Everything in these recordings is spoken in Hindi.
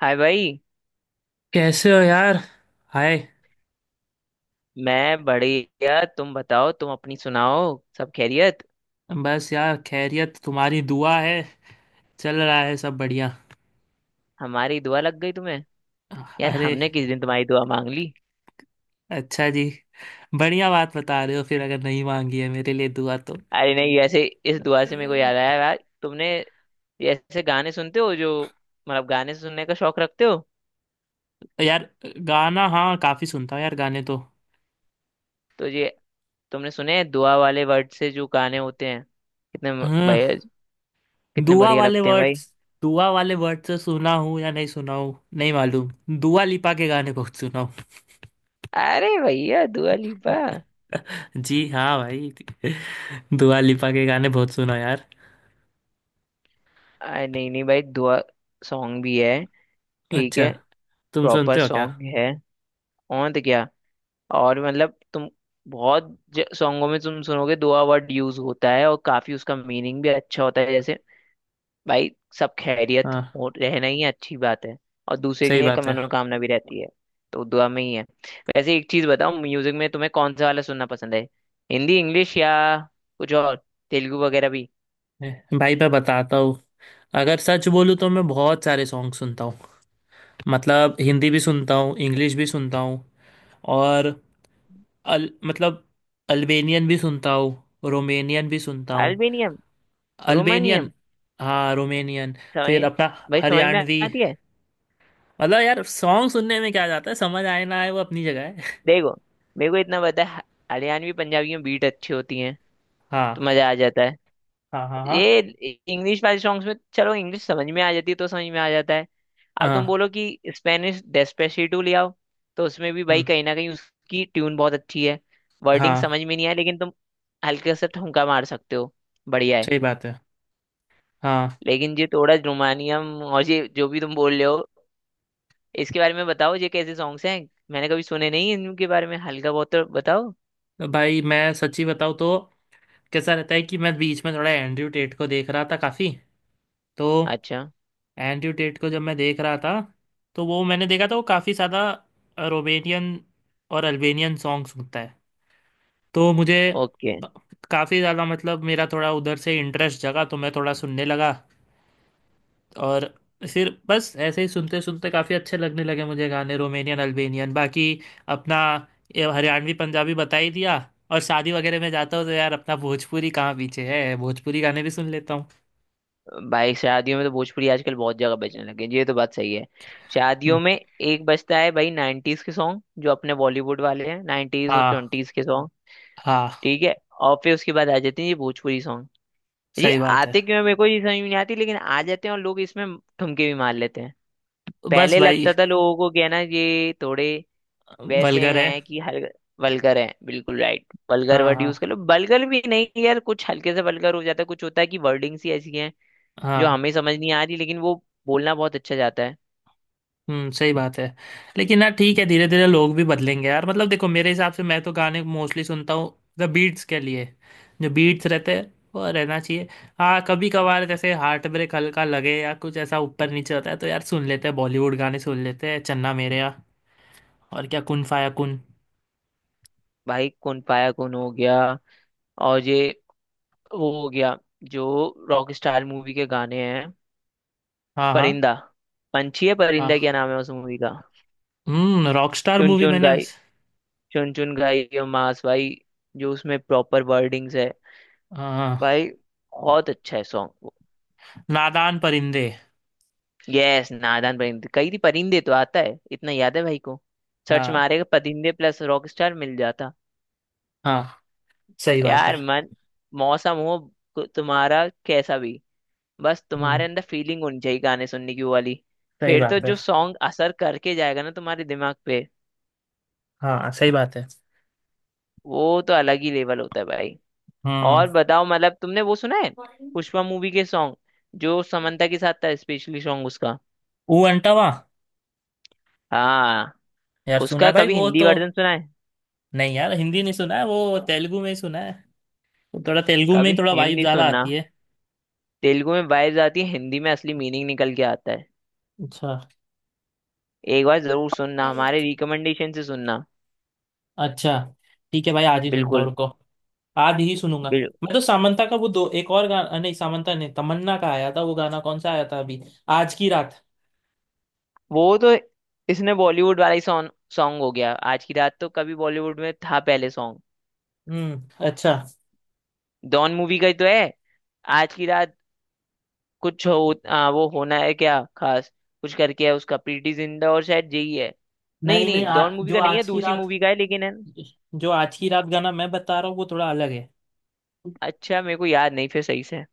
हाय भाई। कैसे हो यार। हाय। मैं बढ़िया, तुम बताओ, तुम अपनी सुनाओ, सब खैरियत? बस यार, खैरियत। तुम्हारी दुआ है। चल रहा है सब बढ़िया। हमारी दुआ लग गई तुम्हें। यार अरे। हमने किस दिन तुम्हारी दुआ मांग ली? अच्छा जी। बढ़िया बात बता रहे हो फिर, अगर नहीं मांगी है मेरे लिए दुआ तो। अरे नहीं, ऐसे इस दुआ अ, से मेरे को याद आया, यार तुमने ये ऐसे गाने सुनते हो जो, मतलब गाने सुनने का शौक रखते हो? यार गाना, हाँ, काफी सुनता हूँ यार गाने तो। तो ये, तुमने सुने हैं दुआ वाले वर्ड से जो गाने होते हैं कितने भैया, हाँ। कितने दुआ बढ़िया वाले लगते हैं वर्ड्स। भाई। दुआ वाले वर्ड से सुना हूँ या नहीं सुना हूँ, नहीं मालूम। दुआ लिपा के गाने बहुत सुना हूँ। अरे भैया दुआ लिपा! जी हाँ भाई। दुआ लिपा के गाने बहुत सुना यार। अरे नहीं नहीं भाई, दुआ सॉन्ग भी है, ठीक अच्छा। है, तुम प्रॉपर सुनते हो क्या? सॉन्ग है। और तो क्या, और मतलब तुम बहुत सॉन्गों में तुम सुनोगे दुआ वर्ड यूज होता है और काफी उसका मीनिंग भी अच्छा होता है। जैसे भाई, सब खैरियत हाँ, हो रहना ही अच्छी बात है, और दूसरे के सही लिए एक बात है। मनोकामना भी रहती है, तो दुआ में ही है। वैसे एक चीज बताओ, म्यूजिक में तुम्हें कौन सा वाला सुनना पसंद है? हिंदी, इंग्लिश, या कुछ और, तेलुगु वगैरह भी? भाई, मैं बताता हूँ, अगर सच बोलूँ तो मैं बहुत सारे सॉन्ग सुनता हूँ। मतलब हिंदी भी सुनता हूँ, इंग्लिश भी सुनता हूँ। और अल मतलब अल्बेनियन भी सुनता हूँ, रोमेनियन भी सुनता हूँ। अल्बेनियम, अल्बेनियन, रोमानियम, हाँ, रोमेनियन। फिर समझ, अपना भाई समझ में हरियाणवी। आती है। मतलब यार सॉन्ग सुनने में क्या जाता है, समझ आए ना आए वो अपनी जगह है। देखो, मेरे को इतना पता है, हरियाणवी पंजाबी में बीट अच्छी होती है तो हाँ, मजा आ जाता है। हाँ, हाँ। हाँ, ये इंग्लिश वाले सॉन्ग्स में, चलो इंग्लिश समझ में आ जाती है तो समझ में आ जाता है। अब तुम हाँ। बोलो कि स्पेनिश डेस्पेसिटो ले आओ, तो उसमें भी भाई हम्म, कहीं ना कहीं उसकी ट्यून बहुत अच्छी है, वर्डिंग हाँ, समझ में नहीं आया, लेकिन तुम हल्के से ठुमका मार सकते हो, बढ़िया है। सही बात है। हाँ। लेकिन ये थोड़ा रोमानियम और ये जो भी तुम बोल रहे हो, इसके बारे में बताओ, ये कैसे सॉन्ग्स हैं, मैंने कभी सुने नहीं इनके बारे में, हल्का बहुत तो बताओ। तो भाई, मैं सच्ची बताऊँ तो कैसा रहता है कि मैं बीच में थोड़ा एंड्रयू टेट को देख रहा था काफ़ी। तो अच्छा। एंड्रयू टेट को जब मैं देख रहा था, तो वो मैंने देखा था वो काफ़ी ज़्यादा रोमेनियन और अल्बेनियन सॉन्ग सुनता है। तो मुझे ओके। काफ़ी ज़्यादा, मतलब मेरा थोड़ा उधर से इंटरेस्ट जगा, तो मैं थोड़ा सुनने लगा। और फिर बस ऐसे ही सुनते सुनते काफ़ी अच्छे लगने लगे मुझे गाने रोमेनियन अल्बेनियन, बाकी अपना ये हरियाणवी पंजाबी बता ही दिया। और शादी वगैरह में जाता हूँ तो यार, अपना भोजपुरी कहाँ पीछे है, भोजपुरी गाने भी सुन लेता हूँ। भाई शादियों में तो भोजपुरी आजकल बहुत जगह बजने लगे हैं, ये तो बात सही है। शादियों हम्म, में एक बजता है भाई, 90s के सॉन्ग जो अपने बॉलीवुड वाले हैं, 90s और हाँ, 20s के सॉन्ग, हाँ, ठीक है। और फिर उसके बाद आ जाते हैं ये भोजपुरी सॉन्ग, ये सही बात आते है। क्यों है मेरे को ये समझ में नहीं आती, लेकिन आ जाते हैं और लोग इसमें ठुमके भी मार लेते हैं। बस पहले भाई, लगता था लोगों को क्या ना, ये थोड़े वैसे वल्गर है। हैं कि हल, वल्गर हैं, बिल्कुल राइट वल्गर हाँ, वर्ड यूज हाँ, कर लो, वल्गर भी नहीं यार, कुछ हल्के से वल्गर हो जाता है, कुछ होता है कि वर्डिंग्स ही ऐसी हैं जो हाँ। हमें समझ नहीं आ रही, लेकिन वो बोलना बहुत अच्छा जाता है। हम्म, सही बात है। लेकिन यार ठीक है, धीरे धीरे लोग भी बदलेंगे यार। मतलब देखो, मेरे हिसाब से मैं तो गाने मोस्टली सुनता हूँ द बीट्स के लिए। जो बीट्स रहते हैं वो रहना चाहिए। हाँ, कभी कभार जैसे हार्ट ब्रेक हल्का लगे या कुछ ऐसा ऊपर नीचे होता है तो यार सुन लेते हैं, बॉलीवुड गाने सुन लेते हैं, चन्ना मेरेया। और क्या, कुन फाया कुन। भाई कौन पाया कौन हो गया, और ये वो हो गया जो रॉक स्टार मूवी के गाने हैं, हाँ, हाँ, परिंदा, पंछी है परिंदा, क्या हाँ। नाम है उस मूवी का? रॉकस्टार चुन मूवी चुन मैंने। गाई, चुन चुन गाई, ये मास भाई, जो उसमें प्रॉपर वर्डिंग्स है हाँ, भाई, बहुत अच्छा है सॉन्ग। नादान परिंदे। यस, नादान परिंदे, कई थी परिंदे तो आता है, इतना याद है भाई को, सर्च हाँ, मारेगा परिंदे प्लस रॉक स्टार, मिल जाता। हाँ, सही बात है। यार मन मौसम हो तुम्हारा कैसा भी, बस तुम्हारे हम्म, अंदर फीलिंग होनी चाहिए गाने सुनने की, वो वाली, सही फिर तो बात जो है। सॉन्ग असर करके जाएगा ना तुम्हारे दिमाग पे, हाँ, सही बात है। वो तो अलग ही लेवल होता है भाई। और बताओ, मतलब तुमने वो सुना है, हम्म। पुष्पा मूवी के सॉन्ग, जो समंता के साथ था, स्पेशली सॉन्ग उसका। ऊ अंटावा? हाँ। यार सुना उसका है भाई कभी वो हिंदी तो। वर्जन सुना है? नहीं यार, हिंदी नहीं सुना है, वो तेलुगु में ही सुना है। वो थोड़ा तेलुगु में कभी ही थोड़ा वाइब हिंदी ज्यादा सुनना, आती है। तेलुगु में वाइब्स आती है, हिंदी में असली मीनिंग निकल के आता है, अच्छा, एक बार जरूर सुनना, हमारे रिकमेंडेशन से सुनना। अच्छा। ठीक है भाई, आज ही सुनता हूँ, बिल्कुल। रुको। आज ही सुनूंगा। बिल, मैं तो सामंता का वो दो एक और गाना, नहीं सामंता ने तमन्ना का आया था, वो गाना कौन सा आया था अभी? आज की रात। वो तो इसने बॉलीवुड वाला ही सॉन्ग, सॉन्ग हो गया आज की रात, तो कभी बॉलीवुड में था पहले सॉन्ग, हम्म, अच्छा। डॉन मूवी का ही तो है आज की रात, कुछ हो वो होना है क्या खास, कुछ करके है उसका, प्रीटी जिंटा और शायद यही है। नहीं नहीं, नहीं, नहीं डॉन मूवी जो का नहीं है, आज की दूसरी रात। मूवी का है, लेकिन है। जो आज की रात गाना मैं बता रहा हूँ वो थोड़ा अलग है। अच्छा मेरे को याद नहीं फिर सही से,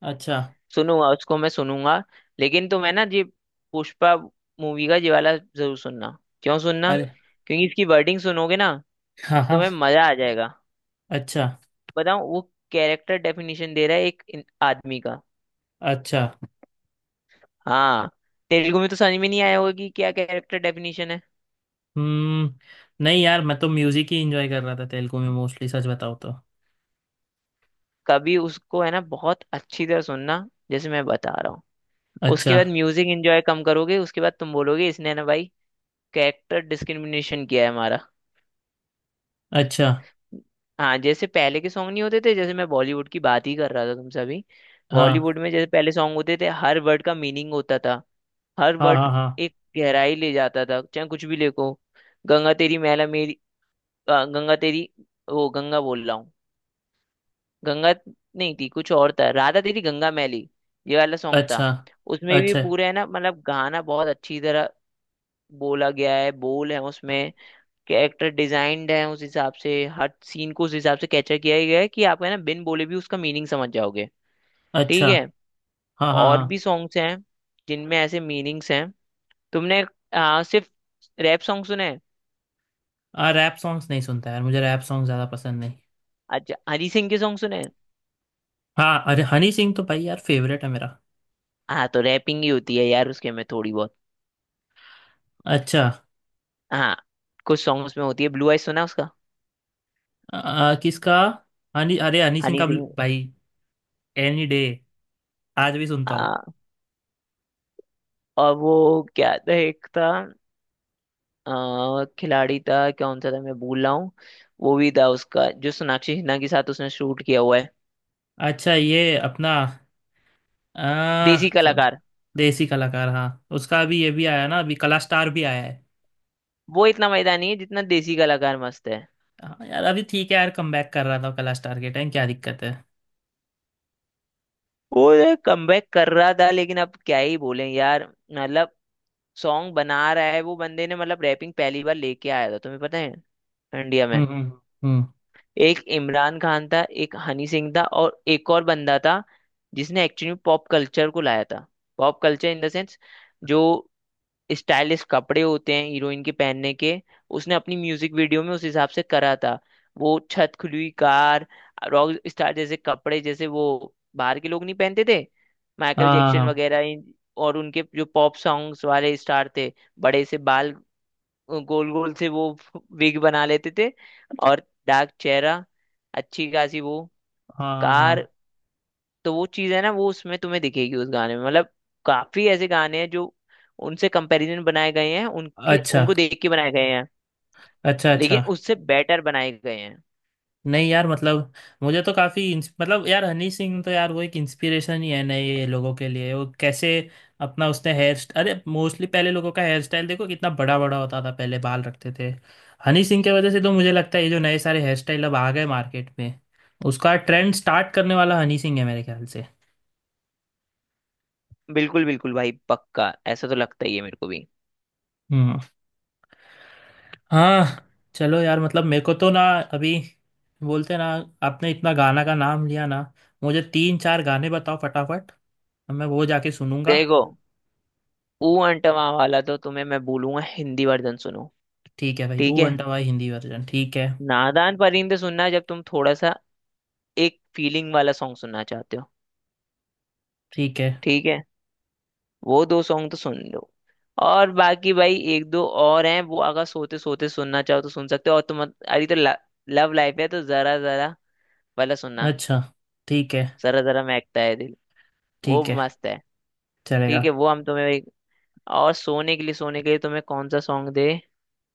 अच्छा। सुनूंगा उसको मैं सुनूंगा। लेकिन तो मैं ना, ये पुष्पा मूवी का ये वाला जरूर सुनना। क्यों सुनना? अरे, क्योंकि इसकी वर्डिंग सुनोगे ना हाँ, हाँ। तुम्हें मजा आ जाएगा। अच्छा, बताऊं वो, कैरेक्टर डेफिनेशन दे रहा है एक आदमी का। अच्छा। हाँ। तेलुगु में तो समझ में नहीं आया होगा कि क्या कैरेक्टर डेफिनेशन है। हम्म। नहीं यार, मैं तो म्यूजिक ही इंजॉय कर रहा था तेलुगु में, मोस्टली, सच बताओ तो। कभी उसको है ना बहुत अच्छी तरह सुनना जैसे मैं बता रहा हूँ। अच्छा। उसके बाद म्यूजिक एंजॉय कम करोगे, उसके बाद तुम बोलोगे इसने ना भाई कैरेक्टर डिस्क्रिमिनेशन किया है हमारा। अच्छा। हाँ जैसे पहले के सॉन्ग नहीं होते थे, जैसे मैं बॉलीवुड की बात ही कर रहा था तुमसे अभी, हाँ, बॉलीवुड में जैसे पहले सॉन्ग होते थे, हर वर्ड का मीनिंग होता था, हर हाँ, वर्ड हाँ, हाँ। एक गहराई ले जाता था, चाहे कुछ भी लिखो। गंगा तेरी मैला मेरी, गंगा तेरी, वो गंगा बोल रहा हूँ, गंगा नहीं थी, कुछ और था, राधा तेरी गंगा मैली, ये वाला सॉन्ग अच्छा, था। उसमें भी अच्छा, पूरे है ना, मतलब गाना बहुत अच्छी तरह बोला गया है, बोल है उसमें, कैरेक्टर डिजाइंड है उस हिसाब से, हर सीन को उस हिसाब से कैप्चर किया गया है कि आप है ना बिन बोले भी उसका मीनिंग समझ जाओगे, अच्छा। ठीक है। हाँ, हाँ, और हाँ। भी सॉन्ग्स हैं जिनमें ऐसे मीनिंग्स हैं। तुमने सिर्फ रैप सॉन्ग सुने हैं? हाँ, रैप सॉन्ग्स नहीं सुनता यार, मुझे रैप सॉन्ग ज़्यादा पसंद नहीं। अच्छा, हनी सिंह के सॉन्ग सुने हैं? हाँ, अरे हनी सिंह तो भाई यार फेवरेट है मेरा। हाँ तो रैपिंग ही होती है यार उसके में थोड़ी बहुत, अच्छा। हाँ कुछ सॉन्ग्स में होती है। ब्लू आइज सुना है उसका, आ, आ, किसका? हनी अरे, हनी सिंह हनी का सिंह। भाई। एनी डे आज भी सुनता हूँ। हाँ, और वो क्या था, एक था खिलाड़ी था, कौन सा था, मैं भूल रहा हूँ, वो भी था उसका जो सोनाक्षी सिन्हा के साथ उसने शूट किया हुआ है। अच्छा, ये अपना, देसी सुन, कलाकार। देसी कलाकार। हाँ। उसका अभी ये भी आया ना, अभी कला स्टार भी आया है। वो इतना मजेदार नहीं है जितना देसी कलाकार मस्त है। हाँ यार, अभी ठीक है यार, कम बैक कर रहा था कला स्टार के टाइम, क्या दिक्कत है। वो कमबैक कर रहा था, लेकिन अब क्या ही बोले यार, मतलब सॉन्ग बना रहा है वो बंदे ने, मतलब रैपिंग पहली बार लेके आया था तुम्हें पता है, इंडिया हम्म, में, हम्म, हम्म। एक इमरान खान था, एक हनी सिंह था, और एक और बंदा था जिसने एक्चुअली पॉप कल्चर को लाया था, pop culture in the sense, जो स्टाइलिश कपड़े होते हैं हीरोइन के पहनने के, उसने अपनी म्यूजिक वीडियो में उस हिसाब से करा था। वो छत खुली हुई कार, रॉक स्टार जैसे कपड़े, जैसे वो बाहर के लोग नहीं पहनते थे, माइकल हाँ, हाँ, जैक्सन हाँ। वगैरह और उनके जो पॉप सॉन्ग्स वाले स्टार थे, बड़े से बाल, गोल गोल से वो विग बना लेते थे, और डार्क चेहरा, अच्छी खासी वो हाँ, हाँ, कार। हाँ। तो वो चीज है ना, वो उसमें तुम्हें दिखेगी उस गाने में, मतलब काफी ऐसे गाने हैं जो उनसे कंपैरिजन बनाए गए हैं, उनके अच्छा, उनको देख के बनाए गए हैं, अच्छा, अच्छा। लेकिन उससे बेटर बनाए गए हैं। नहीं यार, मतलब मुझे तो काफ़ी, मतलब यार हनी सिंह तो यार वो एक इंस्पिरेशन ही है नए ये लोगों के लिए, वो कैसे अपना उसने हेयर अरे, मोस्टली पहले लोगों का हेयर स्टाइल देखो कितना बड़ा बड़ा होता था, पहले बाल रखते थे। हनी सिंह की वजह से तो मुझे लगता है ये जो नए सारे हेयर स्टाइल अब आ गए मार्केट में, उसका ट्रेंड स्टार्ट करने वाला हनी सिंह है मेरे ख्याल से। बिल्कुल बिल्कुल भाई, पक्का ऐसा तो लगता ही है मेरे को भी। हम्म। हाँ, चलो यार, मतलब मेरे को तो ना, अभी बोलते ना, आपने इतना गाना का नाम लिया ना, मुझे तीन चार गाने बताओ फटाफट तो मैं वो जाके सुनूंगा। देखो ऊ अंटवा वाला तो तुम्हें मैं बोलूंगा हिंदी वर्जन सुनो, ठीक है भाई, ठीक ओ है। अंडा भाई हिंदी वर्जन, ठीक है। नादान परिंदे सुनना जब तुम थोड़ा सा एक फीलिंग वाला सॉन्ग सुनना चाहते हो। ठीक है। ठीक है वो दो सॉन्ग तो सुन लो, और बाकी भाई एक दो और हैं वो अगर सोते सोते सुनना चाहो तो सुन सकते हो, और तुम अरे तो लव लाइफ है तो जरा जरा वाला सुनना, अच्छा। ठीक है। जरा जरा महकता है दिल, वो ठीक है, मस्त है। चलेगा। ठीक है वो हम तुम्हें और सोने के लिए, सोने के लिए तुम्हें कौन सा सॉन्ग दे।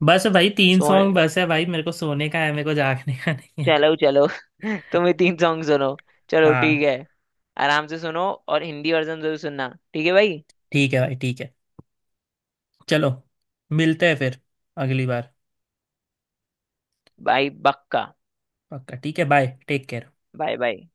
बस भाई, तीन सो सॉन्ग बस है भाई, मेरे को सोने का है, मेरे को जागने का नहीं है। चलो चलो तुम्हें तीन सॉन्ग सुनो, चलो ठीक हाँ। है, आराम से सुनो, और हिंदी वर्जन जरूर सुनना ठीक है भाई। ठीक है भाई, ठीक है, चलो। मिलते हैं फिर अगली बार। बाय बक्का, पक्का ठीक है, bye, take care. Bye bye.